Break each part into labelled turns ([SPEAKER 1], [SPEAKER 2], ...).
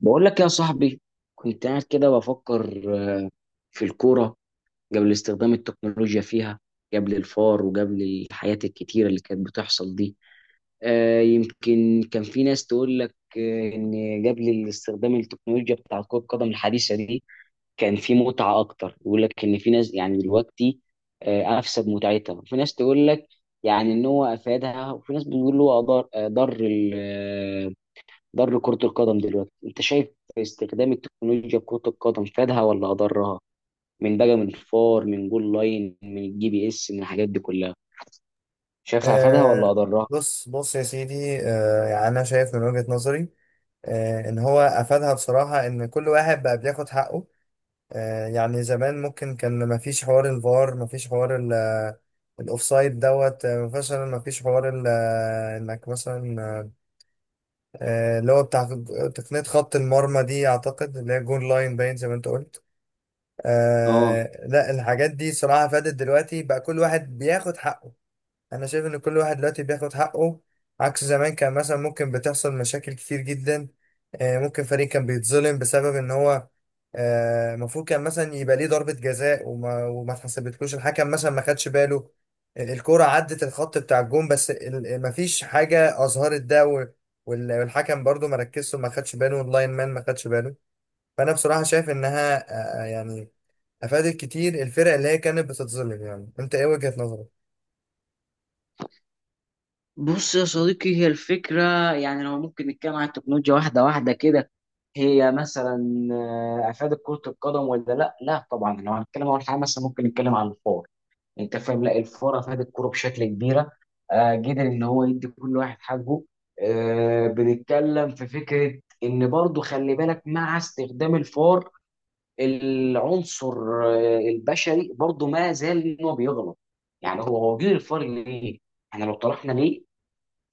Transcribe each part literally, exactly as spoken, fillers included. [SPEAKER 1] بقول لك يا صاحبي، كنت قاعد كده بفكر آه، في الكورة قبل استخدام التكنولوجيا فيها، قبل الفار وقبل الحاجات الكتيرة اللي كانت بتحصل دي. آه، يمكن كان في ناس تقول لك آه، إن قبل استخدام التكنولوجيا بتاع كرة القدم الحديثة دي كان في متعة أكتر، يقول لك إن في ناس يعني دلوقتي آه، أفسد متعتها، وفي ناس تقول لك يعني إن هو أفادها، وفي ناس بتقول هو أضر أضر ضر كرة القدم. دلوقتي انت شايف استخدام التكنولوجيا في كرة القدم فادها ولا اضرها؟ من بقى، من فار، من جول لاين، من الجي بي اس، من الحاجات دي كلها، شايفها فادها ولا
[SPEAKER 2] آه،
[SPEAKER 1] اضرها؟
[SPEAKER 2] بص بص يا سيدي، آه يعني انا شايف من وجهة نظري. آه ان هو افادها بصراحة، ان كل واحد بقى بياخد حقه. آه يعني زمان ممكن كان ما فيش حوار الفار، ما فيش حوار ال- آه، الاوفسايد دوت، آه، مثلا ما فيش حوار ال- آه، انك مثلا، آه، آه، اللي هو بتاع تقنية خط المرمى دي، اعتقد اللي هي جون لاين، باين زي ما انت قلت.
[SPEAKER 1] اه.
[SPEAKER 2] آه لا، الحاجات دي صراحة فادت، دلوقتي بقى كل واحد بياخد حقه. انا شايف ان كل واحد دلوقتي بياخد حقه، عكس زمان كان مثلا ممكن بتحصل مشاكل كتير جدا. آه، ممكن فريق كان بيتظلم بسبب ان هو، آه، المفروض كان مثلا يبقى ليه ضربة جزاء، وما وما اتحسبتلوش، الحكم مثلا ما خدش باله. ال- الكرة عدت الخط بتاع الجون، بس ال- مفيش حاجة أظهرت ده، و- وال- والحكم برضو ما ركزش وما خدش باله، واللاين مان ما خدش باله. فأنا بصراحة شايف إنها، آه، آه، يعني أفادت كتير الفرق اللي هي كانت بتتظلم. يعني أنت إيه وجهة نظرك؟
[SPEAKER 1] بص يا صديقي، هي الفكرة يعني لو ممكن نتكلم عن التكنولوجيا واحدة واحدة كده. هي مثلا آه، أفادت كرة القدم ولا لا؟ لا طبعا. لو هنتكلم أول حاجة، مثلا ممكن نتكلم عن الفار. انت فاهم؟ لا، الفرق فات الكوره بشكل كبيره، آه قدر ان هو يدي كل واحد حقه. آه بنتكلم في فكره ان برضو خلي بالك مع استخدام الفار، العنصر آه، البشري برضو ما زال ان هو بيغلط. يعني هو هو جه الفار ليه؟ احنا لو طرحنا ليه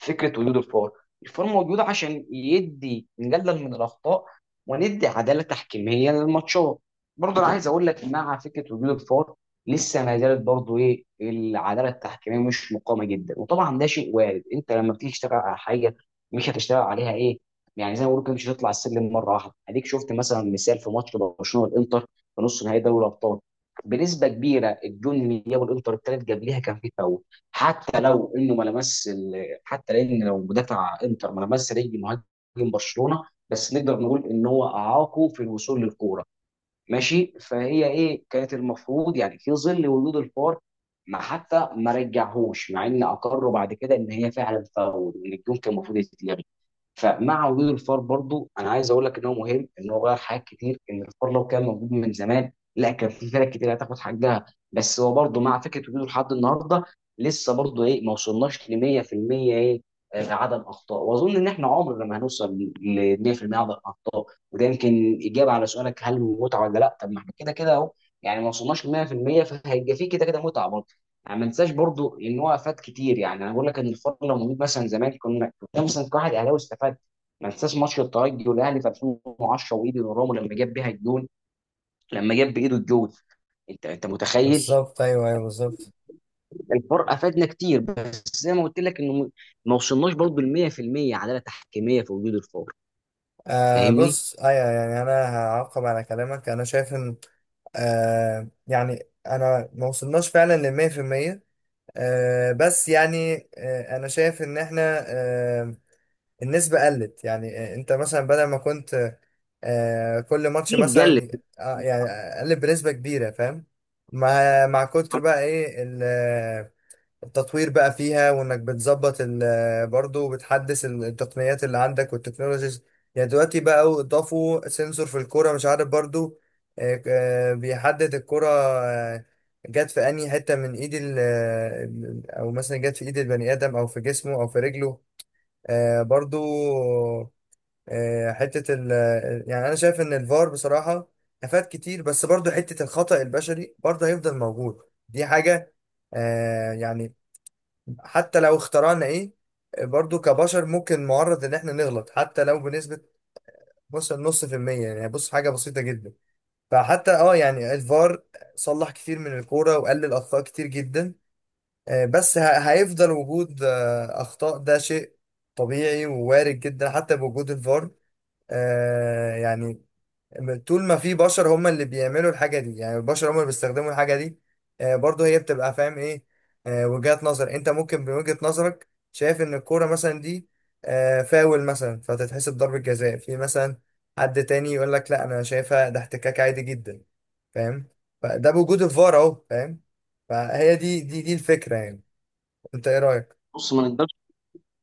[SPEAKER 1] فكره وجود الفار، الفار موجود عشان يدي نقلل من الاخطاء وندي عداله تحكيميه للماتشات. برضه انا عايز اقول لك مع فكره وجود الفار، لسه ما زالت برضه ايه، العداله التحكيميه مش مقامه جدا، وطبعا ده شيء وارد. انت لما بتيجي تشتغل على حاجه مش هتشتغل عليها ايه يعني، زي ما بقول كده، مش هتطلع السلم مره واحده. اديك شفت مثلا مثال في ماتش برشلونه والانتر في نص نهائي دوري الابطال، بنسبه كبيره الجون اللي جابه الانتر التالت قبليها كان فيه فاول، حتى لو انه ما لمس، حتى لان لو مدافع انتر ما لمس رجل مهاجم برشلونه، بس نقدر نقول ان هو اعاقه في الوصول للكوره. ماشي؟ فهي ايه كانت المفروض يعني في ظل وجود الفار؟ ما حتى ما رجعهوش، مع ان اقروا بعد كده ان هي فعلا فاول وان الجون كان المفروض يتلغي. فمع وجود الفار برضو انا عايز اقول لك ان هو مهم، ان هو غير حاجات كتير، ان الفار لو كان موجود من زمان لا كان في فرق كتير هتاخد حقها. بس هو برضو مع فكره وجوده لحد النهارده، لسه برضو ايه، ما وصلناش ل مية في المية ايه، آه، عدم اخطاء. واظن ان احنا عمرنا ما هنوصل ل مية في المية عدم اخطاء، وده يمكن اجابه على سؤالك هل متعه ولا لا. طب ما احنا كده كده اهو، يعني ما وصلناش ل مية في المية، فهيبقى في كده كده متعه. يعني ما انساش برضو ان هو افاد كتير، يعني انا بقول لك ان الفرق لو موجود مثلا زمان، كنا كنت مثلا كواحد اهلاوي استفاد. ما انساش ماتش الترجي والاهلي في ألفين وعشرة وايدي نورامو، لما جاب بيها الجون لما جاب بايده الجون. انت انت متخيل؟
[SPEAKER 2] بالظبط، ايوه، ايوه، بالظبط.
[SPEAKER 1] الفرق افادنا كتير، بس زي ما قلت لك انه م- ما وصلناش برضو ل مية في المية عداله تحكيميه في وجود الفار.
[SPEAKER 2] آه،
[SPEAKER 1] فاهمني؟
[SPEAKER 2] بص، ايوه، يعني انا هعقب على كلامك. انا شايف ان آه يعني انا ما وصلناش فعلا للمية في المية. آه بس يعني، آه انا شايف ان احنا آه النسبة قلت، يعني آه انت مثلا، بدل ما كنت آه كل ماتش
[SPEAKER 1] دي اتقلت.
[SPEAKER 2] مثلا، آه يعني قلت بنسبة كبيرة، فاهم؟ مع مع كتر بقى ايه التطوير بقى فيها، وانك بتظبط ال- برضو بتحدث التقنيات اللي عندك والتكنولوجيز. يعني دلوقتي بقى اضافوا سنسور في الكرة، مش عارف برضو. آه، آه، بيحدد الكرة آه، جت في انهي حتة من ايد ال ال- او مثلا جت في ايد البني ادم، او في جسمه، او في رجله. آه، برضو، آه، حتة ال آه، يعني انا شايف ان الفار بصراحة افاد كتير، بس برضو حتة الخطأ البشري برضو هيفضل موجود. دي حاجة. آه، يعني حتى لو اخترعنا ايه، برضو كبشر ممكن معرض ان احنا نغلط، حتى لو بنسبة مثلا نص في المية، يعني بص حاجة بسيطة جدا. فحتى اه يعني الفار صلح كتير من الكورة، وقلل اخطاء كتير جدا. آه، بس ه- هيفضل وجود آه، اخطاء. ده شيء طبيعي ووارد جدا، حتى بوجود الفار. آه، يعني طول ما في بشر هم اللي بيعملوا الحاجة دي، يعني البشر هم اللي بيستخدموا الحاجة دي. آه، برضه هي بتبقى فاهم ايه، آه، وجهات نظر. انت ممكن بوجهة نظرك شايف ان الكورة مثلا دي آه، فاول مثلا، فتتحسب ضربة جزاء. في مثلا حد تاني يقول لك لا، انا شايفها ده احتكاك عادي جدا، فاهم. فده بوجود الفار اهو، فاهم. فهي دي دي دي الفكرة، يعني. انت ايه رأيك؟
[SPEAKER 1] بص، ما نقدرش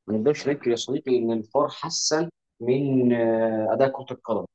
[SPEAKER 1] ما نقدرش ننكر يا صديقي ان الفار حسن من آه، اداء كره القدم.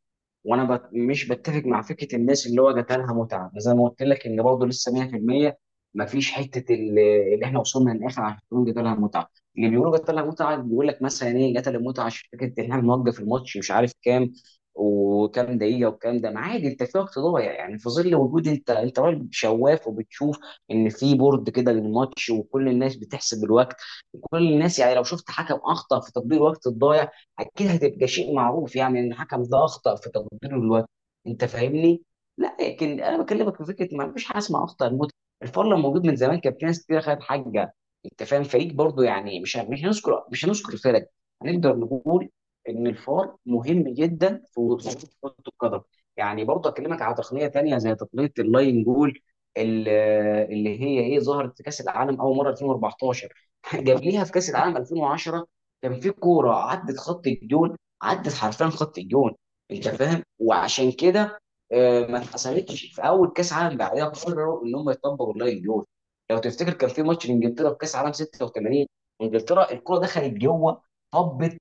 [SPEAKER 1] وانا بت... مش بتفق مع فكره الناس اللي هو جات لها متعه. زي ما قلت لك، ان برضه لسه مية في المية ما فيش حته ال- اللي احنا وصلنا للاخر عشان نقول جات لها متعه. اللي بيقولوا جات لها متعه بيقول لك مثلا ايه، جات لها متعه عشان فكره ان احنا بنوقف الماتش، مش عارف كام وكام دقيقه وكام. ده ما عادي، انت في وقت ضايع يعني، في ظل وجود، انت انت راجل شواف وبتشوف ان في بورد كده للماتش وكل الناس بتحسب الوقت. وكل الناس يعني لو شفت حكم اخطا في تطبيق الوقت الضايع اكيد هتبقى شيء معروف، يعني ان الحكم ده اخطا في تقدير الوقت. انت فاهمني؟ لا، لكن انا بكلمك في فكره ما فيش حاجه اسمها اخطا الموت. الفار لو موجود من زمان كان في ناس كتير خدت حاجه. انت فاهم؟ فريق برضو يعني، مش مش هنذكر مش هنذكر فرق. هنقدر نقول ان الفار مهم جدا في وصول كره القدم. يعني برضو اكلمك على تقنيه تانية زي تقنيه اللاين جول، ال- اللي هي ايه، ظهرت في كاس العالم اول مره ألفين وأربعتاشر. جاب ليها في كاس العالم ألفين وعشرة كان في كوره عدت خط الجون، عدت حرفيا خط الجون. انت فاهم؟ وعشان كده آه، ما اتحسبتش، في اول كاس عالم بعدها قرروا ان هم يطبقوا اللاين الجول. لو تفتكر كان في ماتش لانجلترا في كاس عالم ستة وتمانين، انجلترا الكوره دخلت جوه، طبت،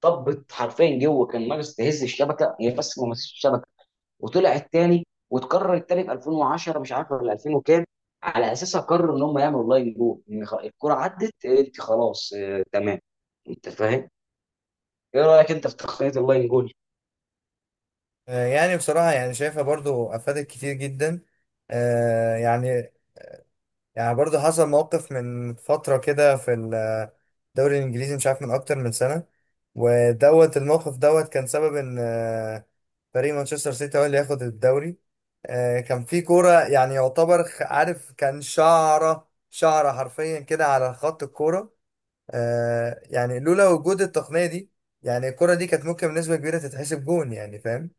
[SPEAKER 1] طبت حرفيا جوه، كان ناقص تهز الشبكه هي، بس ما مسكتش الشبكه وطلعت تاني. وتكرر التاني في ألفين وعشرة، مش عارف ولا ألفين وكام وكام. على اساسها قرروا ان هم يعملوا لاين جول ان خ- الكره عدت، انت خلاص آه، تمام. انت فاهم؟ ايه رايك انت في تقنيه اللاين جول؟
[SPEAKER 2] آه، يعني بصراحة يعني شايفها برضو افادت كتير جدا. آه، يعني يعني برضه حصل موقف من فترة كده في الدوري الإنجليزي، مش عارف، من أكتر من سنة. ودوت الموقف دوت كان سبب إن آه، فريق مانشستر سيتي هو اللي ياخد الدوري. آه، كان في كورة، يعني يعتبر خ- عارف، كان شعرة شعرة حرفيا كده على خط الكورة. آه، يعني لولا وجود التقنية دي، يعني الكورة دي كانت ممكن بنسبة كبيرة تتحسب جون، يعني فاهم.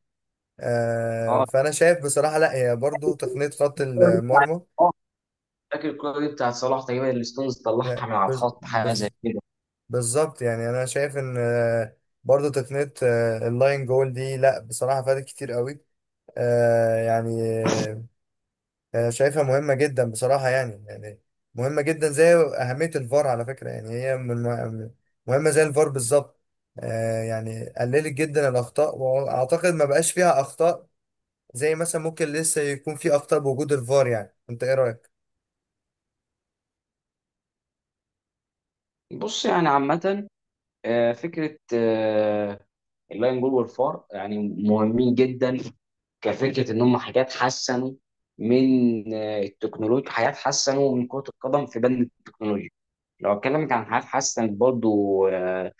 [SPEAKER 2] آه،
[SPEAKER 1] اه،
[SPEAKER 2] فأنا شايف بصراحة لا، هي برضه تقنية خط المرمى.
[SPEAKER 1] اه، فاكر الكوره دي بتاعت صلاح تقريبا اللي ستونز
[SPEAKER 2] لا،
[SPEAKER 1] طلعها من على
[SPEAKER 2] بز-
[SPEAKER 1] الخط، حاجه زي
[SPEAKER 2] بز-
[SPEAKER 1] كده.
[SPEAKER 2] بالظبط، يعني انا شايف ان آه، برضو تقنية آه، اللاين جول دي، لا بصراحة، فادت كتير قوي. آه، يعني آه، شايفها مهمة جدا بصراحة، يعني يعني مهمة جدا زي أهمية الفار، على فكرة، يعني هي من من- مهمة زي الفار بالظبط. آه، يعني قللت جدا الأخطاء، وأعتقد ما بقاش فيها أخطاء، زي مثلا ممكن لسه يكون في أخطاء بوجود الفار. يعني أنت إيه رأيك؟
[SPEAKER 1] بص يعني عامه، آه، فكره آه، اللاين جول والفار يعني مهمين جدا. كفكره ان هم حاجات حسنوا من آه، التكنولوجيا، حاجات حسنوا من كره القدم في بند التكنولوجيا. لو اتكلمك عن حاجات حسنت برضو، آه،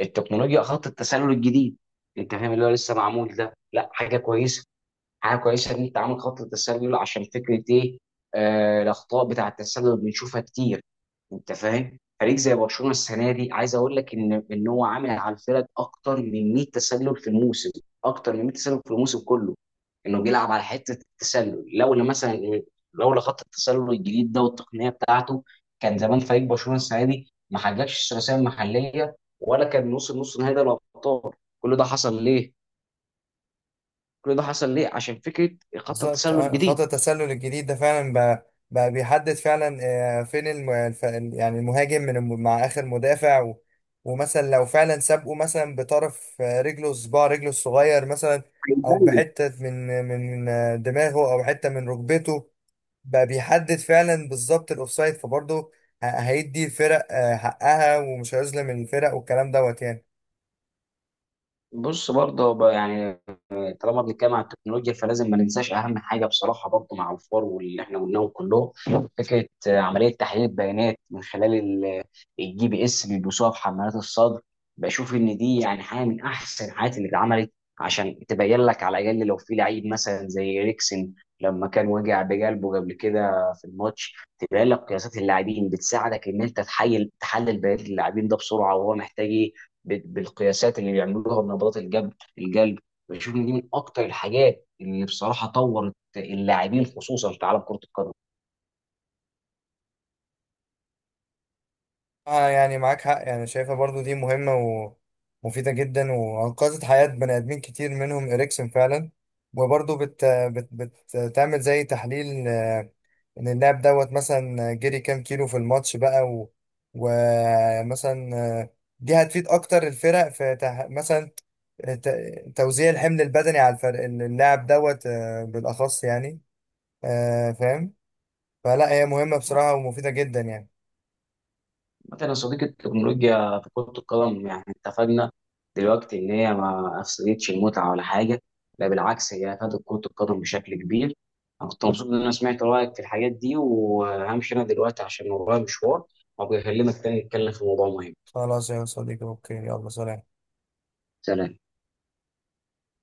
[SPEAKER 1] التكنولوجيا خط التسلل الجديد. انت فاهم؟ اللي هو لسه معمول ده، لا حاجه كويسه. حاجه كويسه ان انت عامل خط تسلل عشان فكره ايه، آه الاخطاء بتاع التسلل بنشوفها كتير. انت فاهم؟ فريق زي برشلونه السنه دي عايز اقول لك ان ان هو عامل على الفرق اكتر من مية تسلل في الموسم، اكتر من مية تسلل في الموسم كله. انه بيلعب على حته التسلل. لولا مثلا لولا خط التسلل الجديد ده والتقنيه بتاعته كان زمان فريق برشلونه السنه دي ما حققش الثلاثيه المحليه، ولا كان وصل نص نهائي دوري الابطال. كل ده حصل ليه؟ كل ده حصل ليه؟ عشان فكره خط
[SPEAKER 2] بالظبط.
[SPEAKER 1] التسلل
[SPEAKER 2] آه، خط
[SPEAKER 1] الجديد.
[SPEAKER 2] التسلل الجديد ده فعلا بقى, بقى بيحدد فعلا، آه، فين الم... الف... ال- يعني المهاجم من الم... مع اخر مدافع، و... ومثلا لو فعلا سابقه مثلا بطرف آه، رجله، صباع رجله الصغير مثلا، او بحته من من آه، دماغه، او حته من ركبته، بقى بيحدد فعلا بالظبط الاوفسايد. فبرضه ه- هيدي الفرق آه، حقها، ومش هيظلم الفرق والكلام دوت، يعني.
[SPEAKER 1] بص برضه بقى يعني، طالما بنتكلم عن التكنولوجيا فلازم ما ننساش اهم حاجه بصراحه برضه، مع الفار واللي احنا قلناهم كلهم، فكره آه، عمليه تحليل البيانات من خلال ال- الجي بي اس اللي بيلبسوها في حمالات الصدر. بشوف ان دي يعني حاجه من احسن الحاجات اللي اتعملت، عشان تبين لك على الاقل لو في لعيب مثلا زي ريكسن لما كان وجع بقلبه قبل كده. في الماتش تبين لك قياسات اللاعبين، بتساعدك ان انت تحلل تحلل بيانات اللاعبين ده بسرعه وهو محتاج ايه، ب- بالقياسات اللي بيعملوها بنبضات القلب القلب. بشوف ان دي من اكتر الحاجات اللي بصراحه طورت اللاعبين، خصوصا في عالم كره القدم.
[SPEAKER 2] اه، يعني معاك حق، يعني شايفها برضو دي مهمة، ومفيدة جدا، وأنقذت حياة بني آدمين كتير، منهم إريكسون فعلا. وبرضو بت... بت... بتعمل زي تحليل، آه، إن اللاعب دوت مثلا جري كام كيلو في الماتش بقى، و... ومثلا آه، دي هتفيد أكتر الفرق في تح... مثلا آه، ت- توزيع الحمل البدني على الفرق، اللاعب دوت آه، بالأخص، يعني آه، فاهم. فلا هي مهمة بصراحة ومفيدة جدا، يعني.
[SPEAKER 1] مثلا يا صديقي، التكنولوجيا في كره القدم يعني اتفقنا دلوقتي ان هي ما افسدتش المتعه ولا حاجه. لا بالعكس، هي افادت كره القدم بشكل كبير. انا كنت مبسوط ان انا سمعت رايك في الحاجات دي، وهمشي انا دلوقتي عشان ورايا مشوار، وابقى اكلمك تاني نتكلم في موضوع مهم.
[SPEAKER 2] خلاص يا صديقي، أوكي، يلا، سلام.
[SPEAKER 1] سلام.